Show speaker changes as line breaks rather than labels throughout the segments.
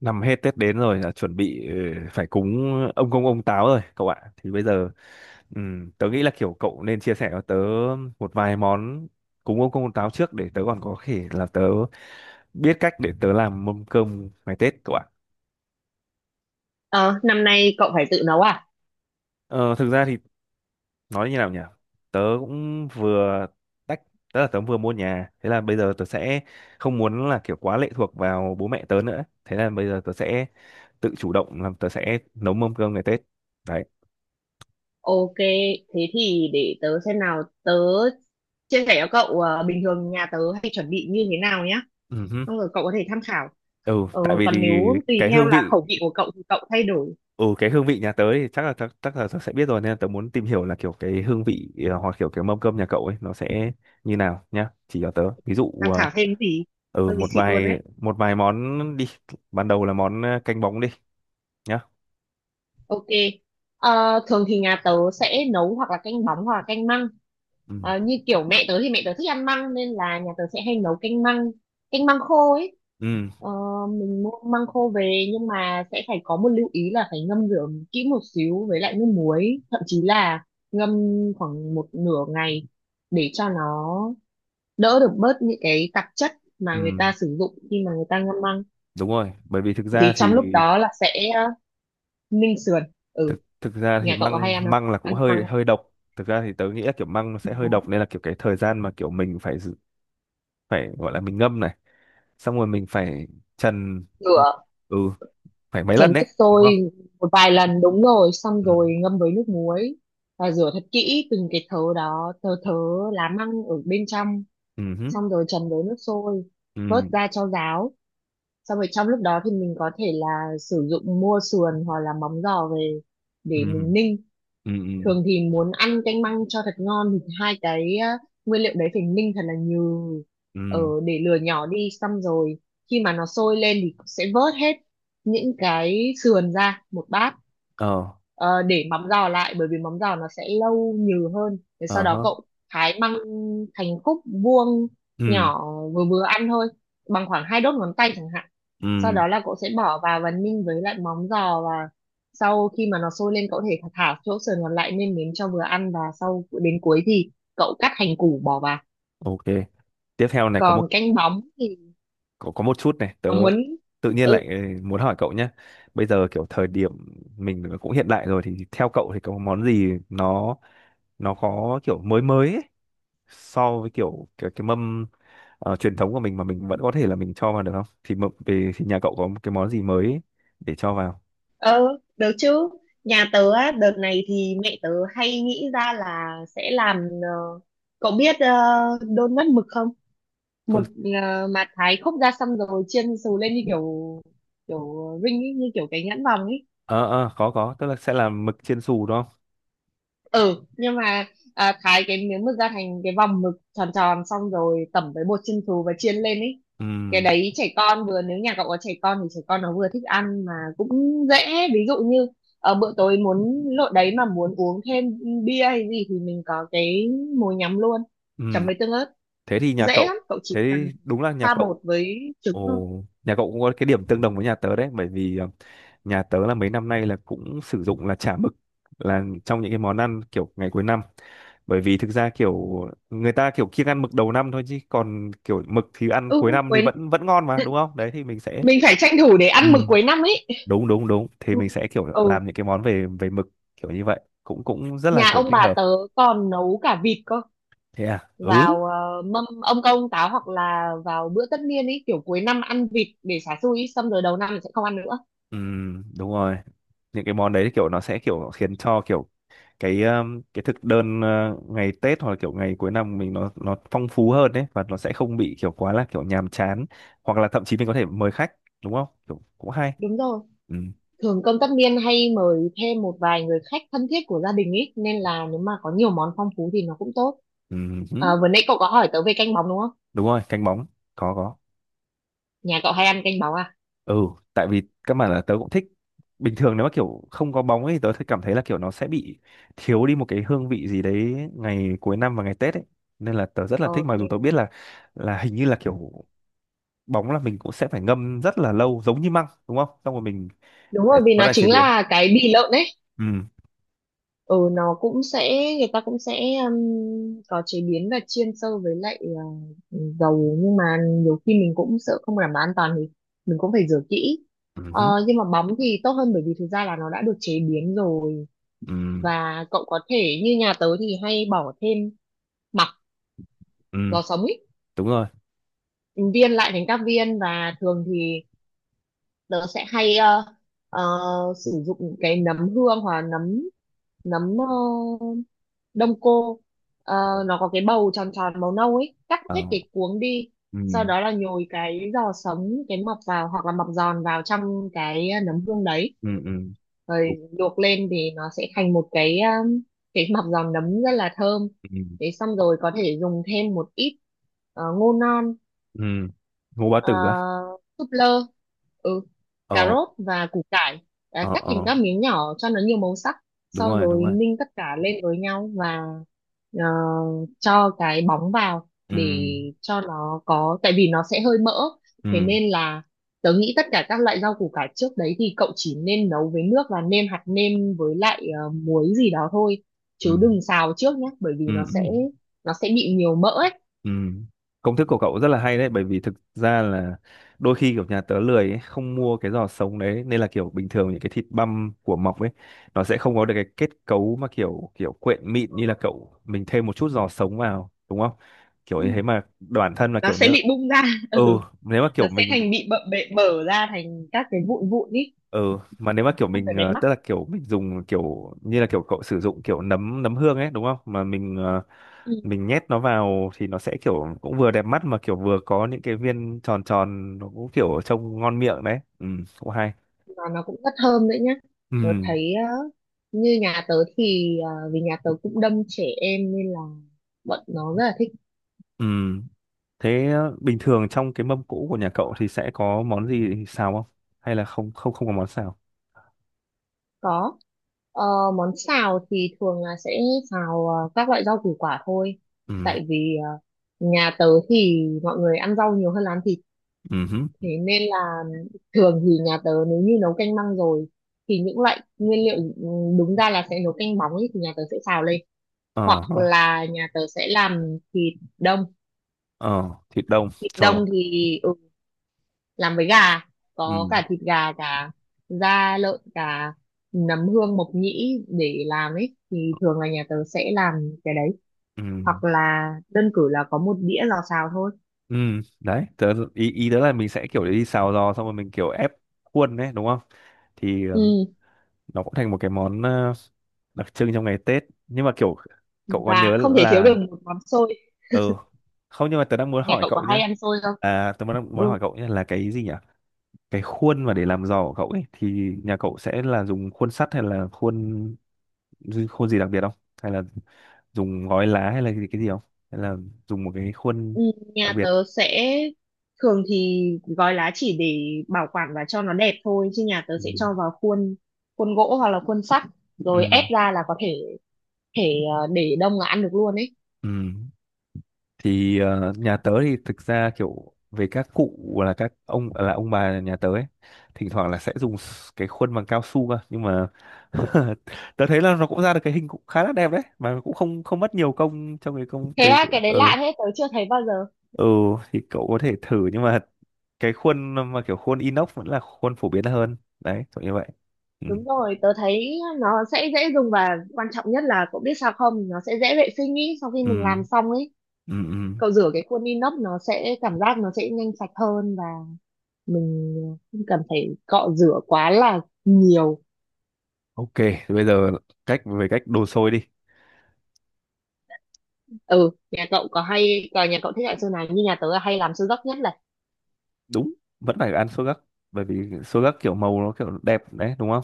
Năm hết Tết đến rồi là chuẩn bị phải cúng ông Công ông Táo rồi cậu ạ. Thì bây giờ tớ nghĩ là kiểu cậu nên chia sẻ cho tớ một vài món cúng ông Công ông Táo trước để tớ còn có thể là tớ biết cách để tớ làm mâm cơm ngày Tết cậu ạ.
Ờ, Năm nay cậu phải tự nấu à?
Ờ, Thực ra thì nói như nào nhỉ? Tớ cũng vừa tách tớ vừa mua nhà, thế là bây giờ tớ sẽ không muốn là kiểu quá lệ thuộc vào bố mẹ tớ nữa, thế là bây giờ tớ sẽ tự chủ động làm, tớ sẽ nấu mâm cơm ngày Tết đấy.
Ok, thế thì để tớ xem nào, tớ chia sẻ cho cậu bình thường nhà tớ hay chuẩn bị như thế nào nhá.
Ừ.
Xong rồi cậu có thể tham khảo.
ừ tại vì
Còn
thì
nếu tùy
cái
theo
hương
là
vị,
khẩu vị của cậu thì cậu thay đổi,
ừ cái hương vị nhà tớ thì chắc là tớ sẽ biết rồi, nên là tớ muốn tìm hiểu là kiểu cái hương vị hoặc kiểu cái mâm cơm nhà cậu ấy nó sẽ như nào, nhá, chỉ cho tớ ví dụ
tham khảo thêm gì. Hơi bị
một
xịn luôn
vài
đấy.
món đi. Ban đầu là món canh bóng đi nhá.
Ok. Thường thì nhà tớ sẽ nấu hoặc là canh bóng hoặc là canh măng.
Ừ.
Như kiểu mẹ tớ thì mẹ tớ thích ăn măng nên là nhà tớ sẽ hay nấu canh măng khô ấy.
Ừ.
Ờ, mình mua măng khô về nhưng mà sẽ phải có một lưu ý là phải ngâm rửa kỹ một xíu với lại nước muối, thậm chí là ngâm khoảng một nửa ngày để cho nó đỡ được bớt những cái tạp chất
Ừ,
mà người ta sử dụng khi mà người ta ngâm măng.
đúng rồi, bởi vì thực ra
Thì trong
thì
lúc đó là sẽ ninh sườn. Ừ,
thực thực ra thì
nhà cậu có hay
măng
ăn không,
măng là cũng
ăn măng,
hơi hơi độc. Thực ra thì tớ nghĩ là kiểu măng nó sẽ hơi độc, nên là kiểu cái thời gian mà kiểu mình phải giữ- phải gọi là mình ngâm này, xong rồi mình phải trần.
rửa,
Ừ, phải mấy
trần
lần
nước
đấy đúng không.
sôi một vài lần, đúng rồi, xong
Ừ.
rồi ngâm với nước muối và rửa thật kỹ từng cái thớ đó, thớ thớ lá măng ở bên trong,
Ừ hứ.
xong rồi trần với nước sôi,
Ừ.
vớt ra cho ráo. Xong rồi trong lúc đó thì mình có thể là sử dụng mua sườn hoặc là móng giò về để
Ừ.
mình ninh.
Ừ. Ừ.
Thường thì muốn ăn canh măng cho thật ngon thì hai cái á, nguyên liệu đấy phải ninh thật là nhừ,
Ừ.
ở để lửa nhỏ đi, xong rồi khi mà nó sôi lên thì sẽ vớt hết những cái sườn ra một bát.
Ờ.
Ờ, để mắm giò lại bởi vì mắm giò nó sẽ lâu nhừ hơn. Thế sau
Ờ
đó
hớ.
cậu thái măng thành khúc vuông
Ừ.
nhỏ, vừa vừa ăn thôi, bằng khoảng 2 đốt ngón tay chẳng hạn.
Ừ.
Sau đó là cậu sẽ bỏ vào và ninh với lại móng giò. Sau khi mà nó sôi lên cậu có thể thả chỗ sườn còn lại, nêm nếm cho vừa ăn, và sau đến cuối thì cậu cắt hành củ bỏ vào.
Ok, tiếp theo này có một-
Còn canh bóng thì
có một chút này tớ
có muốn,
tự nhiên
ừ,
lại muốn hỏi cậu nhé. Bây giờ kiểu thời điểm mình cũng hiện đại rồi thì theo cậu thì có món gì nó có kiểu mới mới ấy, so với kiểu cái mâm truyền thống của mình mà mình vẫn có thể là mình cho vào được không? Thì mợ- về thì nhà cậu có một cái món gì mới ấy để cho vào?
Ờ, được chứ. Nhà tớ á, đợt này thì mẹ tớ hay nghĩ ra là sẽ làm ờ, cậu biết đôn mất mực không?
Con-
Mực mà thái khúc ra, xong rồi chiên xù lên như kiểu kiểu ring ấy, như kiểu cái nhãn vòng ấy.
ờ có, tức là sẽ là mực chiên xù đúng không?
Ừ, nhưng mà thái cái miếng mực ra thành cái vòng mực tròn tròn, xong rồi tẩm với bột chiên xù và chiên lên ấy. Cái
Ừm.
đấy trẻ con vừa, nếu nhà cậu có trẻ con thì trẻ con nó vừa thích ăn mà cũng dễ. Ví dụ như ở bữa tối muốn lộn đấy mà muốn uống thêm bia hay gì thì mình có cái mồi nhắm luôn, chấm
Ừm,
với tương ớt.
thế thì nhà
Dễ
cậu-
lắm, cậu chỉ
thế
cần
thì đúng là nhà
pha bột
cậu-
với trứng thôi.
ồ, nhà cậu cũng có cái điểm tương đồng với nhà tớ đấy, bởi vì nhà tớ là mấy năm nay là cũng sử dụng là chả mực, là trong những cái món ăn kiểu ngày cuối năm, bởi vì thực ra kiểu người ta kiểu kiêng ăn mực đầu năm thôi, chứ còn kiểu mực thì ăn
Ừ
cuối năm thì
quên,
vẫn vẫn ngon mà đúng không, đấy thì mình sẽ-
mình phải tranh thủ để
Ừ.
ăn mực cuối năm ấy.
Đúng đúng đúng thì
Ừ.
mình sẽ kiểu
Ừ,
làm những cái món về về mực kiểu như vậy cũng cũng rất là
nhà
kiểu
ông
thích
bà
hợp.
tớ còn nấu cả vịt cơ,
Thế à. Ừ.
vào mâm ông công ông táo hoặc là vào bữa tất niên ấy, kiểu cuối năm ăn vịt để xả xui ý, xong rồi đầu năm thì sẽ không ăn nữa.
Đúng rồi, những cái món đấy kiểu nó sẽ kiểu khiến cho kiểu cái thực đơn ngày Tết hoặc là kiểu ngày cuối năm mình nó phong phú hơn đấy, và nó sẽ không bị kiểu quá là kiểu nhàm chán, hoặc là thậm chí mình có thể mời khách đúng không, kiểu cũng hay.
Đúng rồi,
Ừm.
thường cơm tất niên hay mời thêm một vài người khách thân thiết của gia đình ấy, nên là nếu mà có nhiều món phong phú thì nó cũng tốt.
Ừm hứ.
Vừa nãy cậu có hỏi tớ về canh bóng đúng không,
Đúng rồi, canh bóng. Có, có.
nhà cậu hay ăn canh bóng à?
Ừ, tại vì các bạn là tớ cũng thích, bình thường nếu mà kiểu không có bóng ấy tớ thấy cảm thấy là kiểu nó sẽ bị thiếu đi một cái hương vị gì đấy ngày cuối năm và ngày Tết ấy, nên là tớ rất là thích, mặc dù tớ
Ok,
biết là hình như là kiểu bóng là mình cũng sẽ phải ngâm rất là lâu giống như măng đúng không, xong rồi mình
đúng
phải
rồi vì nó
vẫn là chế
chính
biến.
là cái bì lợn ấy.
Ừ.
Ừ, nó cũng sẽ, người ta cũng sẽ có chế biến và chiên sâu với lại dầu, nhưng mà nhiều khi mình cũng sợ không đảm bảo an toàn thì mình cũng phải rửa kỹ.
Ừ
Ờ,
hứ.
nhưng mà bóng thì tốt hơn bởi vì thực ra là nó đã được chế biến rồi,
Ừ.
và cậu có thể như nhà tớ thì hay bỏ thêm mặc
Ừ,
giò sống ý,
đúng rồi.
viên lại thành các viên. Và thường thì tớ sẽ hay ờ, sử dụng cái nấm hương hoặc là nấm nấm đông cô. Ờ, nó có cái bầu tròn tròn màu nâu ấy, cắt hết
Ờ.
cái cuống đi,
Ừ.
sau đó là nhồi cái giò sống, cái mọc vào hoặc là mọc giòn vào trong cái nấm hương đấy,
Ừ. Ừ. Đúng.
rồi luộc lên thì nó sẽ thành một cái cái mọc giòn nấm rất là thơm.
Ừ.
Thế xong rồi có thể dùng thêm một ít ngô non,
Ừ. Ngô bá
ờ,
tử á.
súp lơ, ừ, cà
Ờ.
rốt và củ cải, à,
Ờ.
cắt thành
Ờ,
các miếng nhỏ cho nó nhiều màu sắc,
đúng
sau
rồi,
rồi ninh tất cả lên với nhau và ờ, cho cái bóng vào
ừ.
để cho nó có, tại vì nó sẽ hơi mỡ. Thế
Ừ.
nên là tớ nghĩ tất cả các loại rau củ cải trước đấy thì cậu chỉ nên nấu với nước và nêm hạt nêm với lại muối gì đó thôi,
Ừ.
chứ đừng xào trước nhé bởi vì
Ừ,
nó
ừ,
sẽ nó sẽ bị nhiều mỡ ấy.
ừ. Công thức của cậu rất là hay đấy, bởi vì thực ra là đôi khi kiểu nhà tớ lười ấy, không mua cái giò sống đấy, nên là kiểu bình thường những cái thịt băm của mọc ấy nó sẽ không có được cái kết cấu mà kiểu kiểu quyện mịn, như là cậu mình thêm một chút giò sống vào đúng không, kiểu
Ừ,
như thế, mà bản thân là
nó
kiểu
sẽ
nếu-
bị bung ra
Ừ.
ừ,
Nếu mà
nó
kiểu
sẽ
mình-
thành bị bợ bệ bở ra thành các cái vụn vụn ý,
ừ, mà nếu mà kiểu
không
mình
phải đẹp
tức
mắt.
là kiểu mình dùng kiểu như là kiểu cậu sử dụng kiểu nấm nấm hương ấy đúng không, mà mình
Ừ.
mình nhét nó vào thì nó sẽ kiểu cũng vừa đẹp mắt, mà kiểu vừa có những cái viên tròn tròn nó cũng kiểu trông ngon miệng đấy. Ừ, cũng hay.
Mà nó cũng rất thơm đấy nhá,
Ừ.
tớ thấy như nhà tớ thì vì nhà tớ cũng đông trẻ em nên là bọn nó rất là thích.
Ừ. Thế bình thường trong cái mâm cỗ của nhà cậu thì sẽ có món gì xào không, hay là không không không có món xào.
Có. Ờ, Món xào thì thường là sẽ xào các loại rau củ quả thôi,
Ừ.
tại vì nhà tớ thì mọi người ăn rau nhiều hơn là ăn thịt.
Ừ hứ.
Thế nên là thường thì nhà tớ nếu như nấu canh măng rồi thì những loại nguyên liệu, ừ, đúng ra là sẽ nấu canh bóng ấy, thì nhà tớ sẽ xào lên,
Ờ. Ờ.
hoặc là nhà tớ sẽ làm thịt đông.
Ờ, thịt đông,
Thịt
cho nó-
đông thì ừ, làm với gà,
ừ.
có cả thịt gà, cả da lợn, cả nấm hương mộc nhĩ để làm ấy, thì thường là nhà tớ sẽ làm cái đấy,
Ừ.
hoặc là đơn cử là có một đĩa lò xào thôi.
Ừ, đấy, tớ, ý, ý tớ là mình sẽ kiểu đi xào giò xong rồi mình kiểu ép khuôn đấy, đúng không? Thì
Ừ,
nó cũng thành một cái món đặc trưng trong ngày Tết. Nhưng mà kiểu cậu có
và
nhớ
không thể thiếu được
là...
một món xôi,
Ừ, không, nhưng mà tớ đang muốn
nhà
hỏi
cậu có
cậu
hay
nhá.
ăn xôi không?
À, tớ muốn, muốn
Ừ.
hỏi cậu nhá là cái gì nhỉ? Cái khuôn mà để làm giò của cậu ấy thì nhà cậu sẽ là dùng khuôn sắt hay là khuôn khuôn gì đặc biệt không? Hay là dùng gói lá hay là cái gì không? Hay là dùng một cái khuôn
Ừ,
đặc
nhà
biệt?
tớ sẽ, thường thì gói lá chỉ để bảo quản và cho nó đẹp thôi, chứ nhà tớ
Ừ.
sẽ cho vào khuôn, khuôn gỗ hoặc là khuôn sắt,
Ừ.
rồi ép ra là có thể thể để đông là ăn được luôn ấy.
Ừ. Thì nhà tớ thì thực ra kiểu về các cụ, là các ông là ông bà nhà tớ ấy, thỉnh thoảng là sẽ dùng s- cái khuôn bằng cao su cơ, nhưng mà tớ thấy là nó cũng ra được cái hình cũng khá là đẹp đấy, mà cũng không không mất nhiều công trong cái công
Thế
cái-
á, cái đấy
ừ.
lạ thế, tớ chưa thấy bao giờ.
Ừ. Thì cậu có thể thử, nhưng mà cái khuôn mà kiểu khuôn inox vẫn là khuôn phổ biến hơn đấy, kiểu như vậy. Ừ.
Đúng rồi, tớ thấy nó sẽ dễ dùng, và quan trọng nhất là cậu biết sao không, nó sẽ dễ vệ sinh ý, sau khi
Ừ.
mình làm xong ấy,
Ừ, ừ.
cậu rửa cái khuôn inox nó sẽ cảm giác nó sẽ nhanh sạch hơn, và mình không cần phải cọ rửa quá là nhiều.
Ok, bây giờ cách- về cách đồ xôi đi.
Ừ, nhà cậu có hay, còn nhà cậu thích loại sơn nào, như nhà tớ là hay làm siêu dốc nhất là,
Đúng, vẫn phải ăn xôi gấc, bởi vì xôi gấc kiểu màu nó kiểu đẹp đấy đúng không.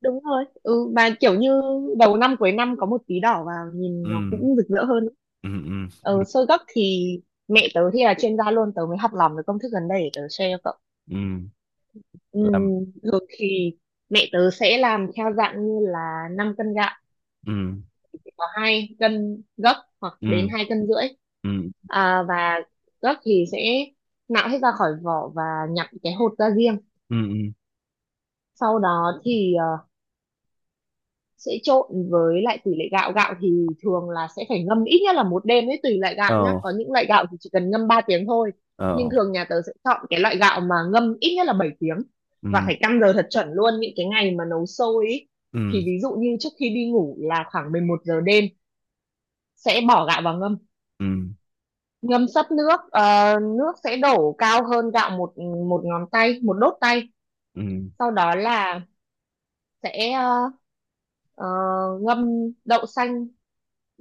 đúng rồi, ừ mà kiểu như đầu năm cuối năm có một tí đỏ vào nhìn
Ừ.
nó cũng rực rỡ hơn.
Ừ. Ừ.
Ờ sơ gấc thì mẹ tớ thì là chuyên gia luôn, tớ mới học lòng được công thức gần đây để tớ share cho cậu.
Ừ. Làm.
Thường thì mẹ tớ sẽ làm theo dạng như là 5 cân gạo
Ừ.
thì có 2 cân gấc hoặc đến
Ừ.
2 cân rưỡi,
Ừ.
à, và gấc thì sẽ nạo hết ra khỏi vỏ và nhặt cái hột ra riêng.
Ừ. Ừ.
Sau đó thì sẽ trộn với lại tỷ lệ gạo, gạo thì thường là sẽ phải ngâm ít nhất là một đêm ấy, tùy loại gạo nhá,
Ờ.
có những loại gạo thì chỉ cần ngâm 3 tiếng thôi, nhưng
Ờ.
thường nhà tớ sẽ chọn cái loại gạo mà ngâm ít nhất là 7 tiếng.
Ừ.
Và phải căn giờ thật chuẩn luôn những cái ngày mà nấu sôi ấy.
Ừ.
Thì ví dụ như trước khi đi ngủ là khoảng 11 giờ đêm sẽ bỏ gạo vào ngâm,
Ừ.
ngâm sấp nước, nước sẽ đổ cao hơn gạo một, ngón tay, một đốt tay.
Ừ.
Sau đó là sẽ ờ, ngâm đậu xanh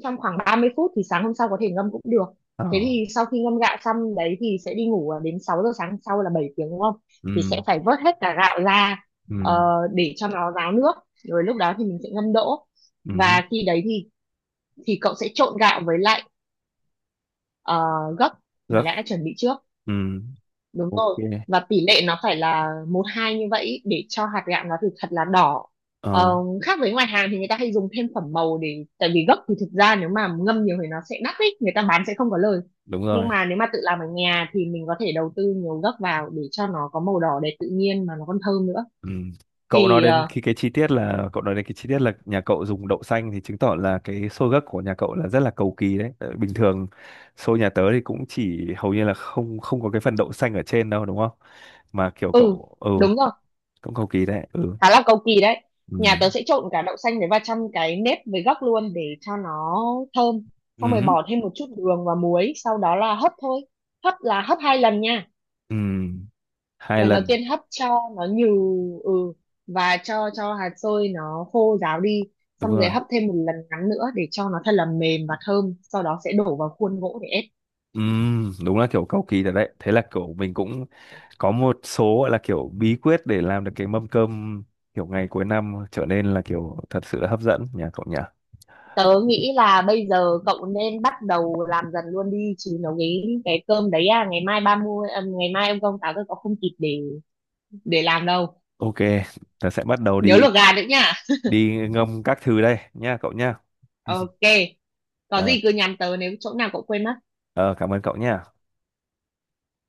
trong khoảng 30 phút, thì sáng hôm sau có thể ngâm cũng được.
Ờ.
Thế thì sau khi ngâm gạo xong đấy thì sẽ đi ngủ, à, đến 6 giờ sáng sau là 7 tiếng đúng không, thì sẽ
Ừ.
phải vớt hết cả gạo ra,
Ừ.
ờ, để cho nó ráo nước, rồi lúc đó thì mình sẽ ngâm đỗ.
Ừ hứ.
Và khi đấy thì cậu sẽ trộn gạo với lại ờ, gấc mà
Gấc.
đã chuẩn bị trước,
Ừ.
đúng
Ok.
rồi, và tỷ lệ nó phải là 1-2 như vậy để cho hạt gạo nó thật là đỏ. Ờ,
Ờ,
Khác với ngoài hàng thì người ta hay dùng thêm phẩm màu, để tại vì gốc thì thực ra nếu mà ngâm nhiều thì nó sẽ đắt ấy, người ta bán sẽ không có lời.
đúng
Nhưng
rồi.
mà nếu mà tự làm ở nhà thì mình có thể đầu tư nhiều gốc vào để cho nó có màu đỏ đẹp tự nhiên mà nó còn thơm nữa.
Ừ. Cậu nói
Thì
đến khi cái chi tiết, là cậu nói đến cái chi tiết là nhà cậu dùng đậu xanh thì chứng tỏ là cái xôi gấc của nhà cậu là rất là cầu kỳ đấy. Tại bình thường xôi nhà tớ thì cũng chỉ hầu như là không không có cái phần đậu xanh ở trên đâu đúng không? Mà kiểu
ừ
cậu- ừ,
đúng rồi,
cũng cầu kỳ đấy. Ừ.
khá là cầu kỳ đấy. Nhà
Ừ.
tớ sẽ trộn cả đậu xanh với và chăm cái nếp với gấc luôn để cho nó thơm, xong rồi
Ừ.
bỏ thêm một chút đường và muối, sau đó là hấp thôi, hấp là hấp 2 lần nha.
Ừ. Hai
Lần đầu
lần.
tiên hấp cho nó nhừ, ừ, và cho hạt xôi nó khô ráo đi,
Đúng
xong rồi
rồi.
hấp thêm một lần ngắn nữa để cho nó thật là mềm và thơm, sau đó sẽ đổ vào khuôn gỗ để ép.
Ừ. Đúng là kiểu cầu kỳ thật đấy. Thế là kiểu mình cũng có một số gọi là kiểu bí quyết để làm được cái mâm cơm kiểu ngày cuối năm trở nên là kiểu thật sự là hấp dẫn, nhà cậu nhỉ?
Tớ nghĩ là bây giờ cậu nên bắt đầu làm dần luôn đi, chứ nấu cái cơm đấy, à ngày mai 30, à, ngày mai ông công táo tôi có không kịp để làm đâu.
Ok, tớ sẽ bắt đầu
Nhớ
đi
luộc gà nữa nha.
đi ngâm các thứ đây nha cậu nha.
Ok, có
Rồi,
gì cứ nhắn tớ nếu chỗ nào cậu quên mất.
ờ, cảm ơn cậu nha.